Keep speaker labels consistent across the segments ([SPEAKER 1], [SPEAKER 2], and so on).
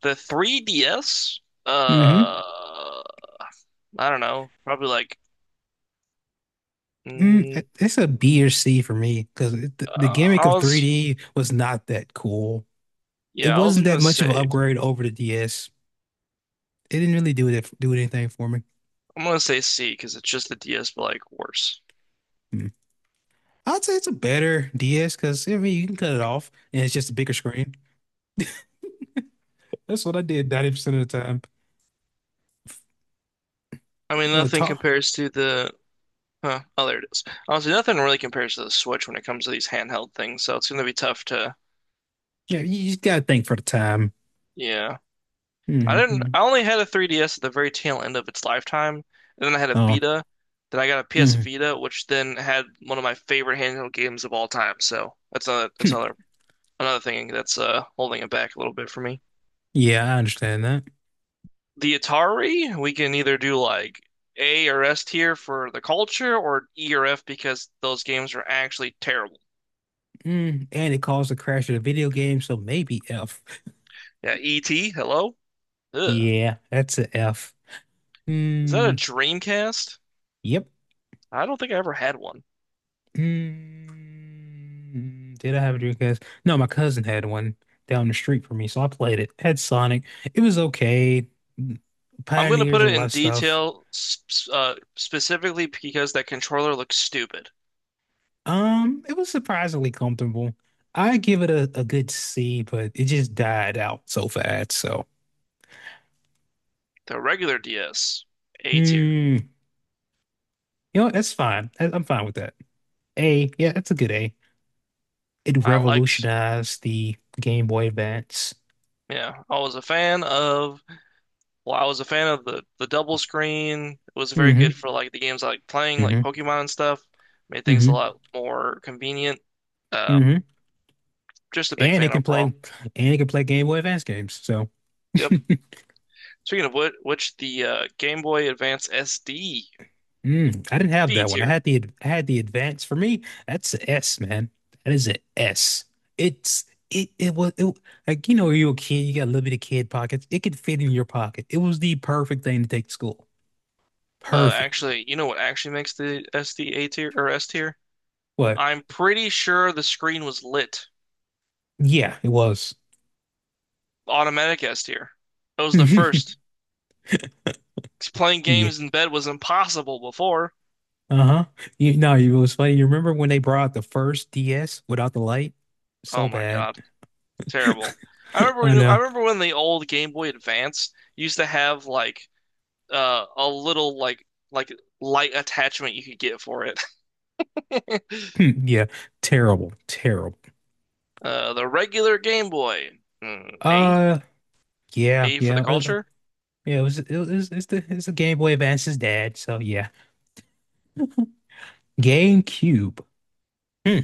[SPEAKER 1] The 3DS,
[SPEAKER 2] Hmm.
[SPEAKER 1] uh, I don't know, probably
[SPEAKER 2] Mm, it-
[SPEAKER 1] mm,
[SPEAKER 2] it's a B or C for me because the
[SPEAKER 1] uh,
[SPEAKER 2] gimmick
[SPEAKER 1] I
[SPEAKER 2] of
[SPEAKER 1] was,
[SPEAKER 2] 3D was not that cool. It
[SPEAKER 1] yeah, I was
[SPEAKER 2] wasn't that
[SPEAKER 1] gonna
[SPEAKER 2] much of an
[SPEAKER 1] say,
[SPEAKER 2] upgrade over the DS. It didn't really do anything for me.
[SPEAKER 1] I'm gonna say C because it's just the DS, but like worse.
[SPEAKER 2] Mm. I'd say it's a better DS because I mean you can cut it off and it's just a bigger screen. That's what I did 90% of the time.
[SPEAKER 1] I mean,
[SPEAKER 2] The
[SPEAKER 1] nothing
[SPEAKER 2] talk.
[SPEAKER 1] compares to huh, oh, there it is. Honestly, nothing really compares to the Switch when it comes to these handheld things, so it's gonna be tough to,
[SPEAKER 2] Yeah, you just gotta think for the time.
[SPEAKER 1] yeah. I didn't,
[SPEAKER 2] Hmm.
[SPEAKER 1] I only had a 3DS at the very tail end of its lifetime, and then I had a
[SPEAKER 2] Oh.
[SPEAKER 1] Vita. Then I got a PS
[SPEAKER 2] Mm.
[SPEAKER 1] Vita, which then had one of my favorite handheld games of all time. So that's another another thing that's holding it back a little bit for me.
[SPEAKER 2] Yeah, I understand that.
[SPEAKER 1] The Atari, we can either do like A or S tier for the culture or E or F because those games are actually terrible.
[SPEAKER 2] Mm. And it caused the crash of the video game, so maybe F.
[SPEAKER 1] Yeah, E.T., hello? Ugh.
[SPEAKER 2] Yeah, that's a F.
[SPEAKER 1] Is that a
[SPEAKER 2] Hmm.
[SPEAKER 1] Dreamcast?
[SPEAKER 2] Yep.
[SPEAKER 1] I don't think I ever had one.
[SPEAKER 2] Did I have a Dreamcast? No, my cousin had one down the street from me, so I played it. Had Sonic. It was okay.
[SPEAKER 1] I'm gonna put
[SPEAKER 2] Pioneers a
[SPEAKER 1] it
[SPEAKER 2] lot
[SPEAKER 1] in
[SPEAKER 2] of stuff.
[SPEAKER 1] detail specifically because that controller looks stupid.
[SPEAKER 2] It was surprisingly comfortable. I give it a good C, but it just died out so fast. So,
[SPEAKER 1] The regular DS, A tier.
[SPEAKER 2] you know what? That's fine. I'm fine with that. A, yeah, that's a good A. It
[SPEAKER 1] I liked,
[SPEAKER 2] revolutionized the Game Boy Advance.
[SPEAKER 1] yeah, I was a fan of well, I was a fan of the double screen. It was very
[SPEAKER 2] Hmm.
[SPEAKER 1] good for like the games I like playing, like
[SPEAKER 2] Hmm.
[SPEAKER 1] Pokemon and stuff. Made things a
[SPEAKER 2] Hmm.
[SPEAKER 1] lot more convenient. Um,
[SPEAKER 2] Hmm.
[SPEAKER 1] just a big
[SPEAKER 2] and it
[SPEAKER 1] fan
[SPEAKER 2] can play
[SPEAKER 1] overall.
[SPEAKER 2] and it can play Game Boy Advance games. So
[SPEAKER 1] Yep. Speaking of which the Game Boy Advance SD
[SPEAKER 2] I didn't have
[SPEAKER 1] B
[SPEAKER 2] that one. I
[SPEAKER 1] tier.
[SPEAKER 2] had the Advance. For me, that's an S, man. That is an S. It's it it was it, Like you know when you're a kid, you got limited kid pockets. It could fit in your pocket. It was the perfect thing to take to school. Perfect.
[SPEAKER 1] Actually, you know what actually makes the SD A tier or S tier?
[SPEAKER 2] What?
[SPEAKER 1] I'm pretty sure the screen was lit.
[SPEAKER 2] Yeah, it was.
[SPEAKER 1] Automatic S tier. It was the first. 'Cause playing
[SPEAKER 2] Yeah.
[SPEAKER 1] games in bed was impossible before.
[SPEAKER 2] Uh-huh. You know, it was funny. You remember when they brought the first DS without the light? So
[SPEAKER 1] Oh my
[SPEAKER 2] bad.
[SPEAKER 1] God. Terrible.
[SPEAKER 2] I
[SPEAKER 1] I
[SPEAKER 2] know.
[SPEAKER 1] remember when the old Game Boy Advance used to have like a little like light attachment you could get for it.
[SPEAKER 2] Hmm. Yeah. Terrible. Terrible.
[SPEAKER 1] Uh, the regular Game Boy. Mm, A?
[SPEAKER 2] Uh, Yeah,
[SPEAKER 1] A for
[SPEAKER 2] yeah,
[SPEAKER 1] the culture?
[SPEAKER 2] yeah. It's the Game Boy Advance's dad. So yeah, GameCube. Hmm.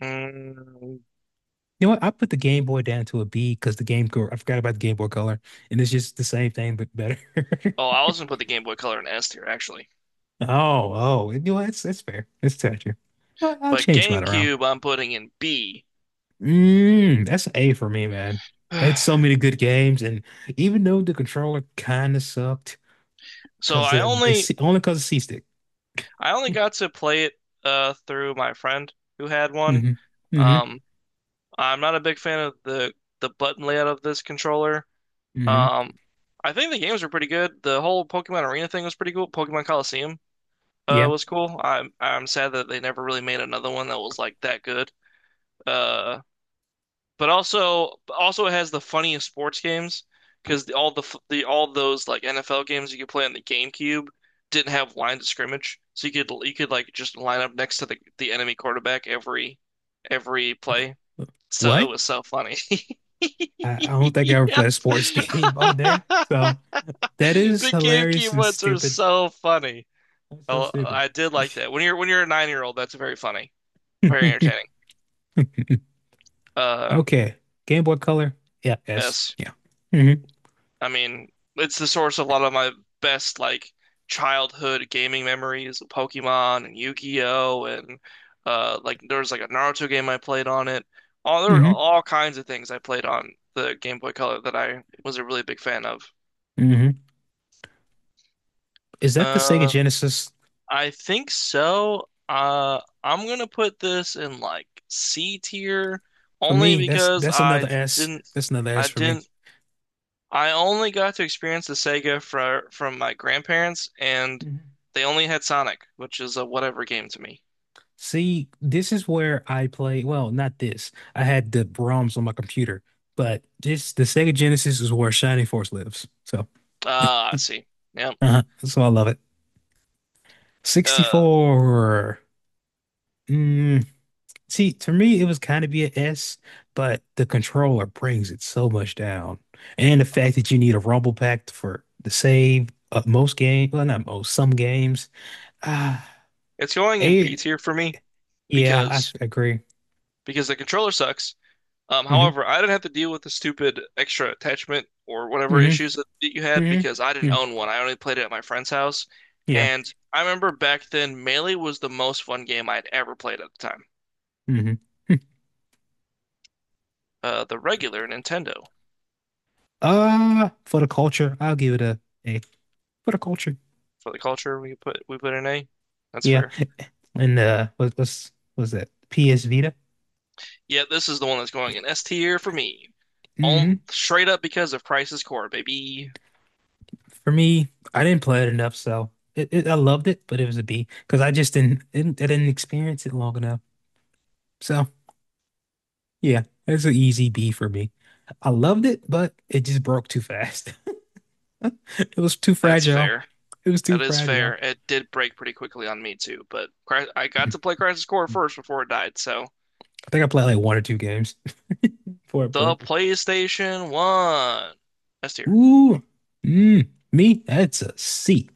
[SPEAKER 1] Mm.
[SPEAKER 2] You know what? I put the Game Boy down to a B because the Game Girl. I forgot about the Game Boy Color, and it's just the same thing but better.
[SPEAKER 1] Oh, I was gonna put the Game Boy Color in S tier actually.
[SPEAKER 2] Oh, oh, you know what? That's It's fair. That's touching. I'll
[SPEAKER 1] But
[SPEAKER 2] change mine around.
[SPEAKER 1] GameCube I'm putting in B.
[SPEAKER 2] That's an A for me, man. It's so many good games, and even though the controller kind of sucked,
[SPEAKER 1] So
[SPEAKER 2] because
[SPEAKER 1] I
[SPEAKER 2] it's
[SPEAKER 1] only
[SPEAKER 2] only because of C-Stick.
[SPEAKER 1] I only got to play it through my friend who had one.
[SPEAKER 2] Hmm. Hmm.
[SPEAKER 1] Um I'm not a big fan of the button layout of this controller.
[SPEAKER 2] Hmm.
[SPEAKER 1] Um, I think the games were pretty good. The whole Pokemon Arena thing was pretty cool. Pokemon Coliseum
[SPEAKER 2] Yeah.
[SPEAKER 1] was cool. I'm sad that they never really made another one that was like that good. Uh, but also it has the funniest sports games because all the f- the all those like NFL games you could play on the GameCube didn't have lines of scrimmage, so you could like just line up next to the enemy quarterback every play. So it
[SPEAKER 2] What?
[SPEAKER 1] was so funny.
[SPEAKER 2] I don't think I ever
[SPEAKER 1] Yep.
[SPEAKER 2] played a sports game on there. So that is
[SPEAKER 1] The
[SPEAKER 2] hilarious
[SPEAKER 1] GameCube
[SPEAKER 2] and
[SPEAKER 1] ones are
[SPEAKER 2] stupid.
[SPEAKER 1] so funny.
[SPEAKER 2] That's so
[SPEAKER 1] Oh,
[SPEAKER 2] stupid.
[SPEAKER 1] I did like that. When you're a 9 year old, that's very funny, very entertaining. Uh,
[SPEAKER 2] Okay. Game Boy Color. Yeah. Yes.
[SPEAKER 1] yes.
[SPEAKER 2] Yeah. Hmm.
[SPEAKER 1] I mean, it's the source of a lot of my best like childhood gaming memories of Pokemon and Yu-Gi-Oh and like there was like a Naruto game I played on it. All there were
[SPEAKER 2] Hmm.
[SPEAKER 1] all kinds of things I played on the Game Boy Color that I was a really big fan of.
[SPEAKER 2] Hmm. Is that the Sega
[SPEAKER 1] Uh,
[SPEAKER 2] Genesis?
[SPEAKER 1] I think so. I'm gonna put this in like C tier
[SPEAKER 2] For
[SPEAKER 1] only
[SPEAKER 2] me, that's
[SPEAKER 1] because
[SPEAKER 2] that's
[SPEAKER 1] I
[SPEAKER 2] another S.
[SPEAKER 1] didn't,
[SPEAKER 2] That's another
[SPEAKER 1] I
[SPEAKER 2] S for me.
[SPEAKER 1] didn't, I only got to experience the Sega from my grandparents, and
[SPEAKER 2] Mhm.
[SPEAKER 1] they only had Sonic, which is a whatever game to me.
[SPEAKER 2] See, this is where I play. Well, not this. I had the ROMs on my computer, but this the Sega Genesis is where Shining Force lives. So
[SPEAKER 1] Ah, I see. Yeah,
[SPEAKER 2] uh-huh. So I love it.
[SPEAKER 1] Uh,
[SPEAKER 2] 64. Mm, See, to me, it was kind of be an S, but the controller brings it so much down. And the fact that you need a rumble pack for the save of most games, well, not most, some games. Ah,
[SPEAKER 1] it's going in B
[SPEAKER 2] eh,
[SPEAKER 1] tier for me
[SPEAKER 2] yeah, I
[SPEAKER 1] because
[SPEAKER 2] agree.
[SPEAKER 1] because the controller sucks.
[SPEAKER 2] Hmm.
[SPEAKER 1] However, I didn't have to deal with the stupid extra attachment or whatever
[SPEAKER 2] Hmm.
[SPEAKER 1] issues that you had
[SPEAKER 2] Hmm.
[SPEAKER 1] because I didn't
[SPEAKER 2] Mm.
[SPEAKER 1] own one. I only played it at my friend's house.
[SPEAKER 2] Yeah.
[SPEAKER 1] And I remember back then, Melee was the most fun game I'd ever played at the time.
[SPEAKER 2] Hmm.
[SPEAKER 1] The regular Nintendo
[SPEAKER 2] For the culture, I'll give it a A. For the culture.
[SPEAKER 1] for the culture we put in A. That's
[SPEAKER 2] Yeah.
[SPEAKER 1] fair.
[SPEAKER 2] And what's that? PS Vita.
[SPEAKER 1] Yeah, this is the one that's going in S tier for me. All
[SPEAKER 2] Mm-hmm.
[SPEAKER 1] straight up because of Crisis Core, baby.
[SPEAKER 2] For me, I didn't play it enough, so it I loved it, but it was a B because I just didn't I didn't experience it long enough. So yeah, it's an easy B for me. I loved it, but it just broke too fast. It was too
[SPEAKER 1] That's
[SPEAKER 2] fragile.
[SPEAKER 1] fair.
[SPEAKER 2] It was too
[SPEAKER 1] That is
[SPEAKER 2] fragile.
[SPEAKER 1] fair. It did break pretty quickly on me too, but Cry- I got
[SPEAKER 2] I
[SPEAKER 1] to play Crisis Core first before it died, so
[SPEAKER 2] think I played like one or two games before it
[SPEAKER 1] the
[SPEAKER 2] broke.
[SPEAKER 1] PlayStation 1. S tier.
[SPEAKER 2] Ooh, me, that's a C.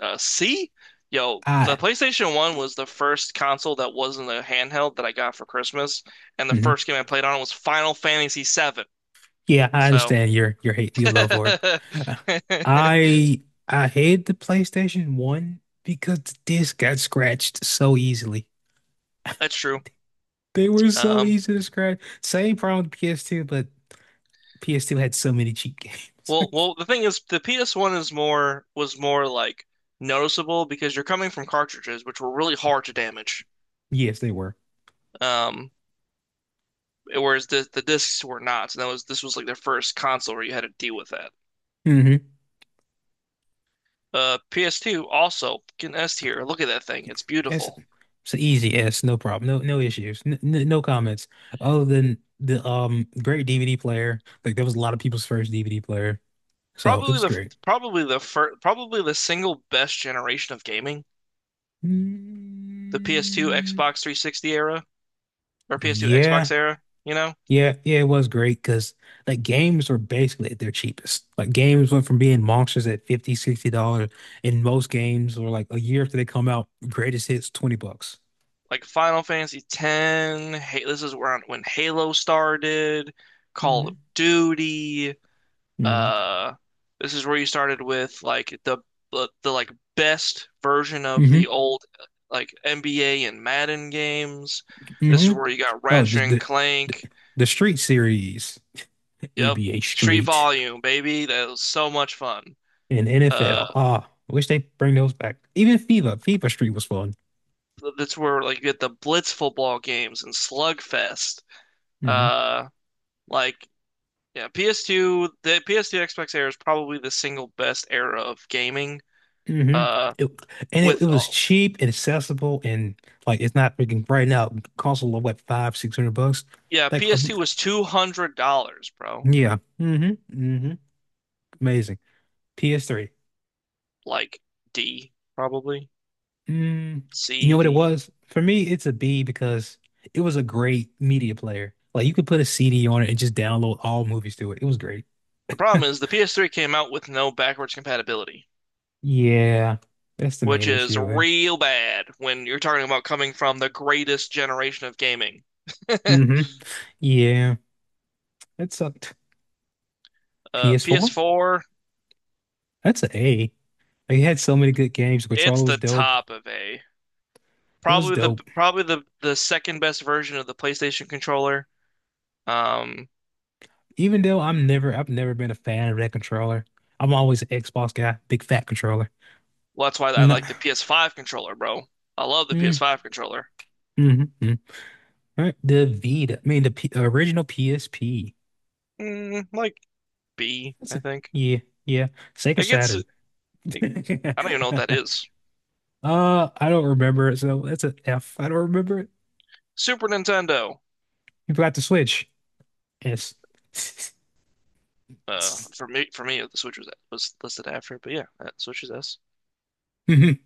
[SPEAKER 1] C? Yo, the
[SPEAKER 2] I.
[SPEAKER 1] PlayStation 1 was the first console that wasn't a handheld that I got for Christmas, and the
[SPEAKER 2] Mhm.
[SPEAKER 1] first game I played on was Final Fantasy VII.
[SPEAKER 2] Yeah, I
[SPEAKER 1] So
[SPEAKER 2] understand your hate your love for
[SPEAKER 1] that's
[SPEAKER 2] it. Uh, I I hate the PlayStation 1 because the disc got scratched so easily.
[SPEAKER 1] true.
[SPEAKER 2] They were so
[SPEAKER 1] Um,
[SPEAKER 2] easy to scratch. Same problem with PS2, but PS2 had so many cheap games.
[SPEAKER 1] the thing is, the PS1 is more was more like noticeable because you're coming from cartridges, which were really hard to damage.
[SPEAKER 2] Yes, they were.
[SPEAKER 1] Um, whereas the discs were not. So that was this was like their first console where you had to deal with that.
[SPEAKER 2] Hmm.
[SPEAKER 1] PS2 also can S tier. Look at that thing. It's
[SPEAKER 2] That's
[SPEAKER 1] beautiful.
[SPEAKER 2] It's an easy yes, no problem. No issues. No comments. Other than the great DVD player. Like that was a lot of people's first DVD player. So it was great.
[SPEAKER 1] Probably the single best generation of gaming. The PS2
[SPEAKER 2] Mm,
[SPEAKER 1] Xbox 360 era or PS2
[SPEAKER 2] yeah.
[SPEAKER 1] Xbox era, you know?
[SPEAKER 2] Yeah, yeah, it was great because like games were basically at their cheapest. Like games went from being monsters at 50, $60, and most games were like a year after they come out, greatest hits, 20 bucks.
[SPEAKER 1] Like Final Fantasy X, hey, this is where when Halo started, Call of
[SPEAKER 2] Hmm.
[SPEAKER 1] Duty,
[SPEAKER 2] Hmm.
[SPEAKER 1] Uh, this is where you started with like the like best version of
[SPEAKER 2] Hmm.
[SPEAKER 1] the old like NBA and Madden games. This is
[SPEAKER 2] Hmm.
[SPEAKER 1] where you got
[SPEAKER 2] Oh,
[SPEAKER 1] Ratchet and
[SPEAKER 2] the
[SPEAKER 1] Clank.
[SPEAKER 2] the Street series,
[SPEAKER 1] Yep,
[SPEAKER 2] NBA
[SPEAKER 1] Street
[SPEAKER 2] Street
[SPEAKER 1] Volume, baby. That was so much fun.
[SPEAKER 2] and
[SPEAKER 1] Uh,
[SPEAKER 2] NFL. Ah, I wish they bring those back. Even FIFA Street was fun.
[SPEAKER 1] that's where like you get the Blitz football games and Slugfest.
[SPEAKER 2] Mm-hmm.
[SPEAKER 1] Uh, like yeah, the PS2 Xbox era is probably the single best era of gaming.
[SPEAKER 2] Hmm.
[SPEAKER 1] Uh,
[SPEAKER 2] It, and it
[SPEAKER 1] with
[SPEAKER 2] was
[SPEAKER 1] all.
[SPEAKER 2] cheap and accessible and like it's not freaking right now. It costs a little what five, 600 bucks.
[SPEAKER 1] Yeah,
[SPEAKER 2] Like
[SPEAKER 1] PS2 was $200, bro.
[SPEAKER 2] yeah. Hmm. Hmm. Amazing. PS3.
[SPEAKER 1] Like D, probably
[SPEAKER 2] Mm, you know
[SPEAKER 1] C,
[SPEAKER 2] what it
[SPEAKER 1] D.
[SPEAKER 2] was? For me, it's a B because it was a great media player. Like you could put a CD on it and just download all movies to it. It was great.
[SPEAKER 1] The problem is the PS3 came out with no backwards compatibility,
[SPEAKER 2] Yeah, that's the
[SPEAKER 1] which
[SPEAKER 2] main
[SPEAKER 1] is
[SPEAKER 2] issue. Eh?
[SPEAKER 1] real bad when you're talking about coming from the greatest generation of gaming.
[SPEAKER 2] Mm-hmm. Yeah, that sucked. PS4?
[SPEAKER 1] PS4,
[SPEAKER 2] That's an A. Like, it had so many good games. The
[SPEAKER 1] it's
[SPEAKER 2] controller was
[SPEAKER 1] the
[SPEAKER 2] dope.
[SPEAKER 1] top of A.
[SPEAKER 2] It was
[SPEAKER 1] Probably the
[SPEAKER 2] dope.
[SPEAKER 1] probably the the second best version of the PlayStation controller. Um,
[SPEAKER 2] Even though I've never been a fan of that controller. I'm always an Xbox guy, big fat controller.
[SPEAKER 1] that's why I
[SPEAKER 2] No.
[SPEAKER 1] like the PS5 controller, bro. I love the
[SPEAKER 2] mm,
[SPEAKER 1] PS5 controller.
[SPEAKER 2] mm, mm. Right. The Vita, I mean the P original PSP.
[SPEAKER 1] Mm, like B,
[SPEAKER 2] That's
[SPEAKER 1] I
[SPEAKER 2] a,
[SPEAKER 1] think.
[SPEAKER 2] yeah, yeah. Sega
[SPEAKER 1] It gets,
[SPEAKER 2] Saturn.
[SPEAKER 1] it, I don't even know what that is.
[SPEAKER 2] I don't remember it, so that's an F. I don't remember it.
[SPEAKER 1] Super Nintendo.
[SPEAKER 2] You forgot the Switch. S. S-
[SPEAKER 1] For me, the Switch was listed after it, but yeah, that Switch is S.
[SPEAKER 2] mhm.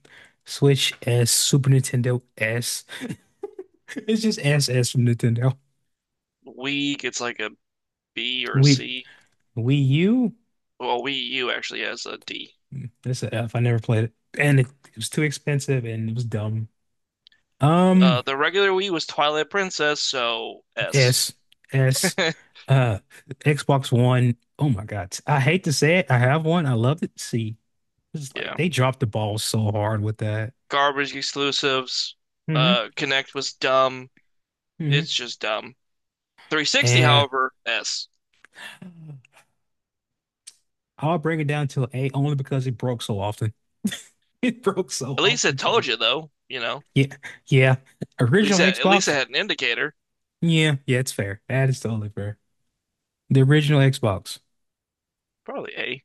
[SPEAKER 2] Switch S, Super Nintendo S. It's just S S from Nintendo.
[SPEAKER 1] Wii gets like a B or a
[SPEAKER 2] We
[SPEAKER 1] C.
[SPEAKER 2] Wii Wii U.
[SPEAKER 1] Well, Wii U actually has a D.
[SPEAKER 2] It's a F. I never played it. And it was too expensive and it was dumb. Um,
[SPEAKER 1] The regular Wii was Twilight Princess, so S.
[SPEAKER 2] S, S, uh, Xbox One. Oh my God. I hate to say it. I have one. I love it. See, it's like
[SPEAKER 1] Yeah,
[SPEAKER 2] they dropped the ball so hard with that.
[SPEAKER 1] garbage exclusives.
[SPEAKER 2] Hmm.
[SPEAKER 1] Connect was dumb.
[SPEAKER 2] Hmm.
[SPEAKER 1] It's just dumb. 360,
[SPEAKER 2] And
[SPEAKER 1] however, S.
[SPEAKER 2] I'll bring it down to an A only because it broke so often. It broke so
[SPEAKER 1] At least
[SPEAKER 2] often
[SPEAKER 1] it
[SPEAKER 2] for
[SPEAKER 1] told
[SPEAKER 2] me.
[SPEAKER 1] you though, you know.
[SPEAKER 2] Yeah. Yeah. Original
[SPEAKER 1] At least it
[SPEAKER 2] Xbox.
[SPEAKER 1] had an indicator.
[SPEAKER 2] Yeah. Yeah. It's fair. That is totally fair. The original Xbox.
[SPEAKER 1] Probably A.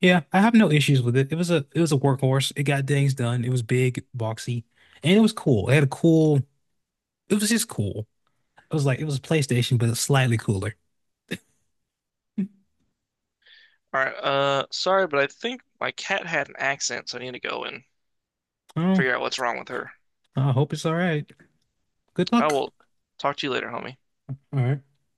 [SPEAKER 2] Yeah, I have no issues with it. It was a workhorse. It got things done. It was big, boxy, and it was cool. It had a cool. It was just cool. It was like it was a PlayStation, but it's slightly cooler.
[SPEAKER 1] All right. Sorry, but I think my cat had an accent, so I need to go and
[SPEAKER 2] Oh,
[SPEAKER 1] figure out what's wrong with her.
[SPEAKER 2] I hope it's all right. Good
[SPEAKER 1] I
[SPEAKER 2] luck.
[SPEAKER 1] will talk to you later, homie.
[SPEAKER 2] All right.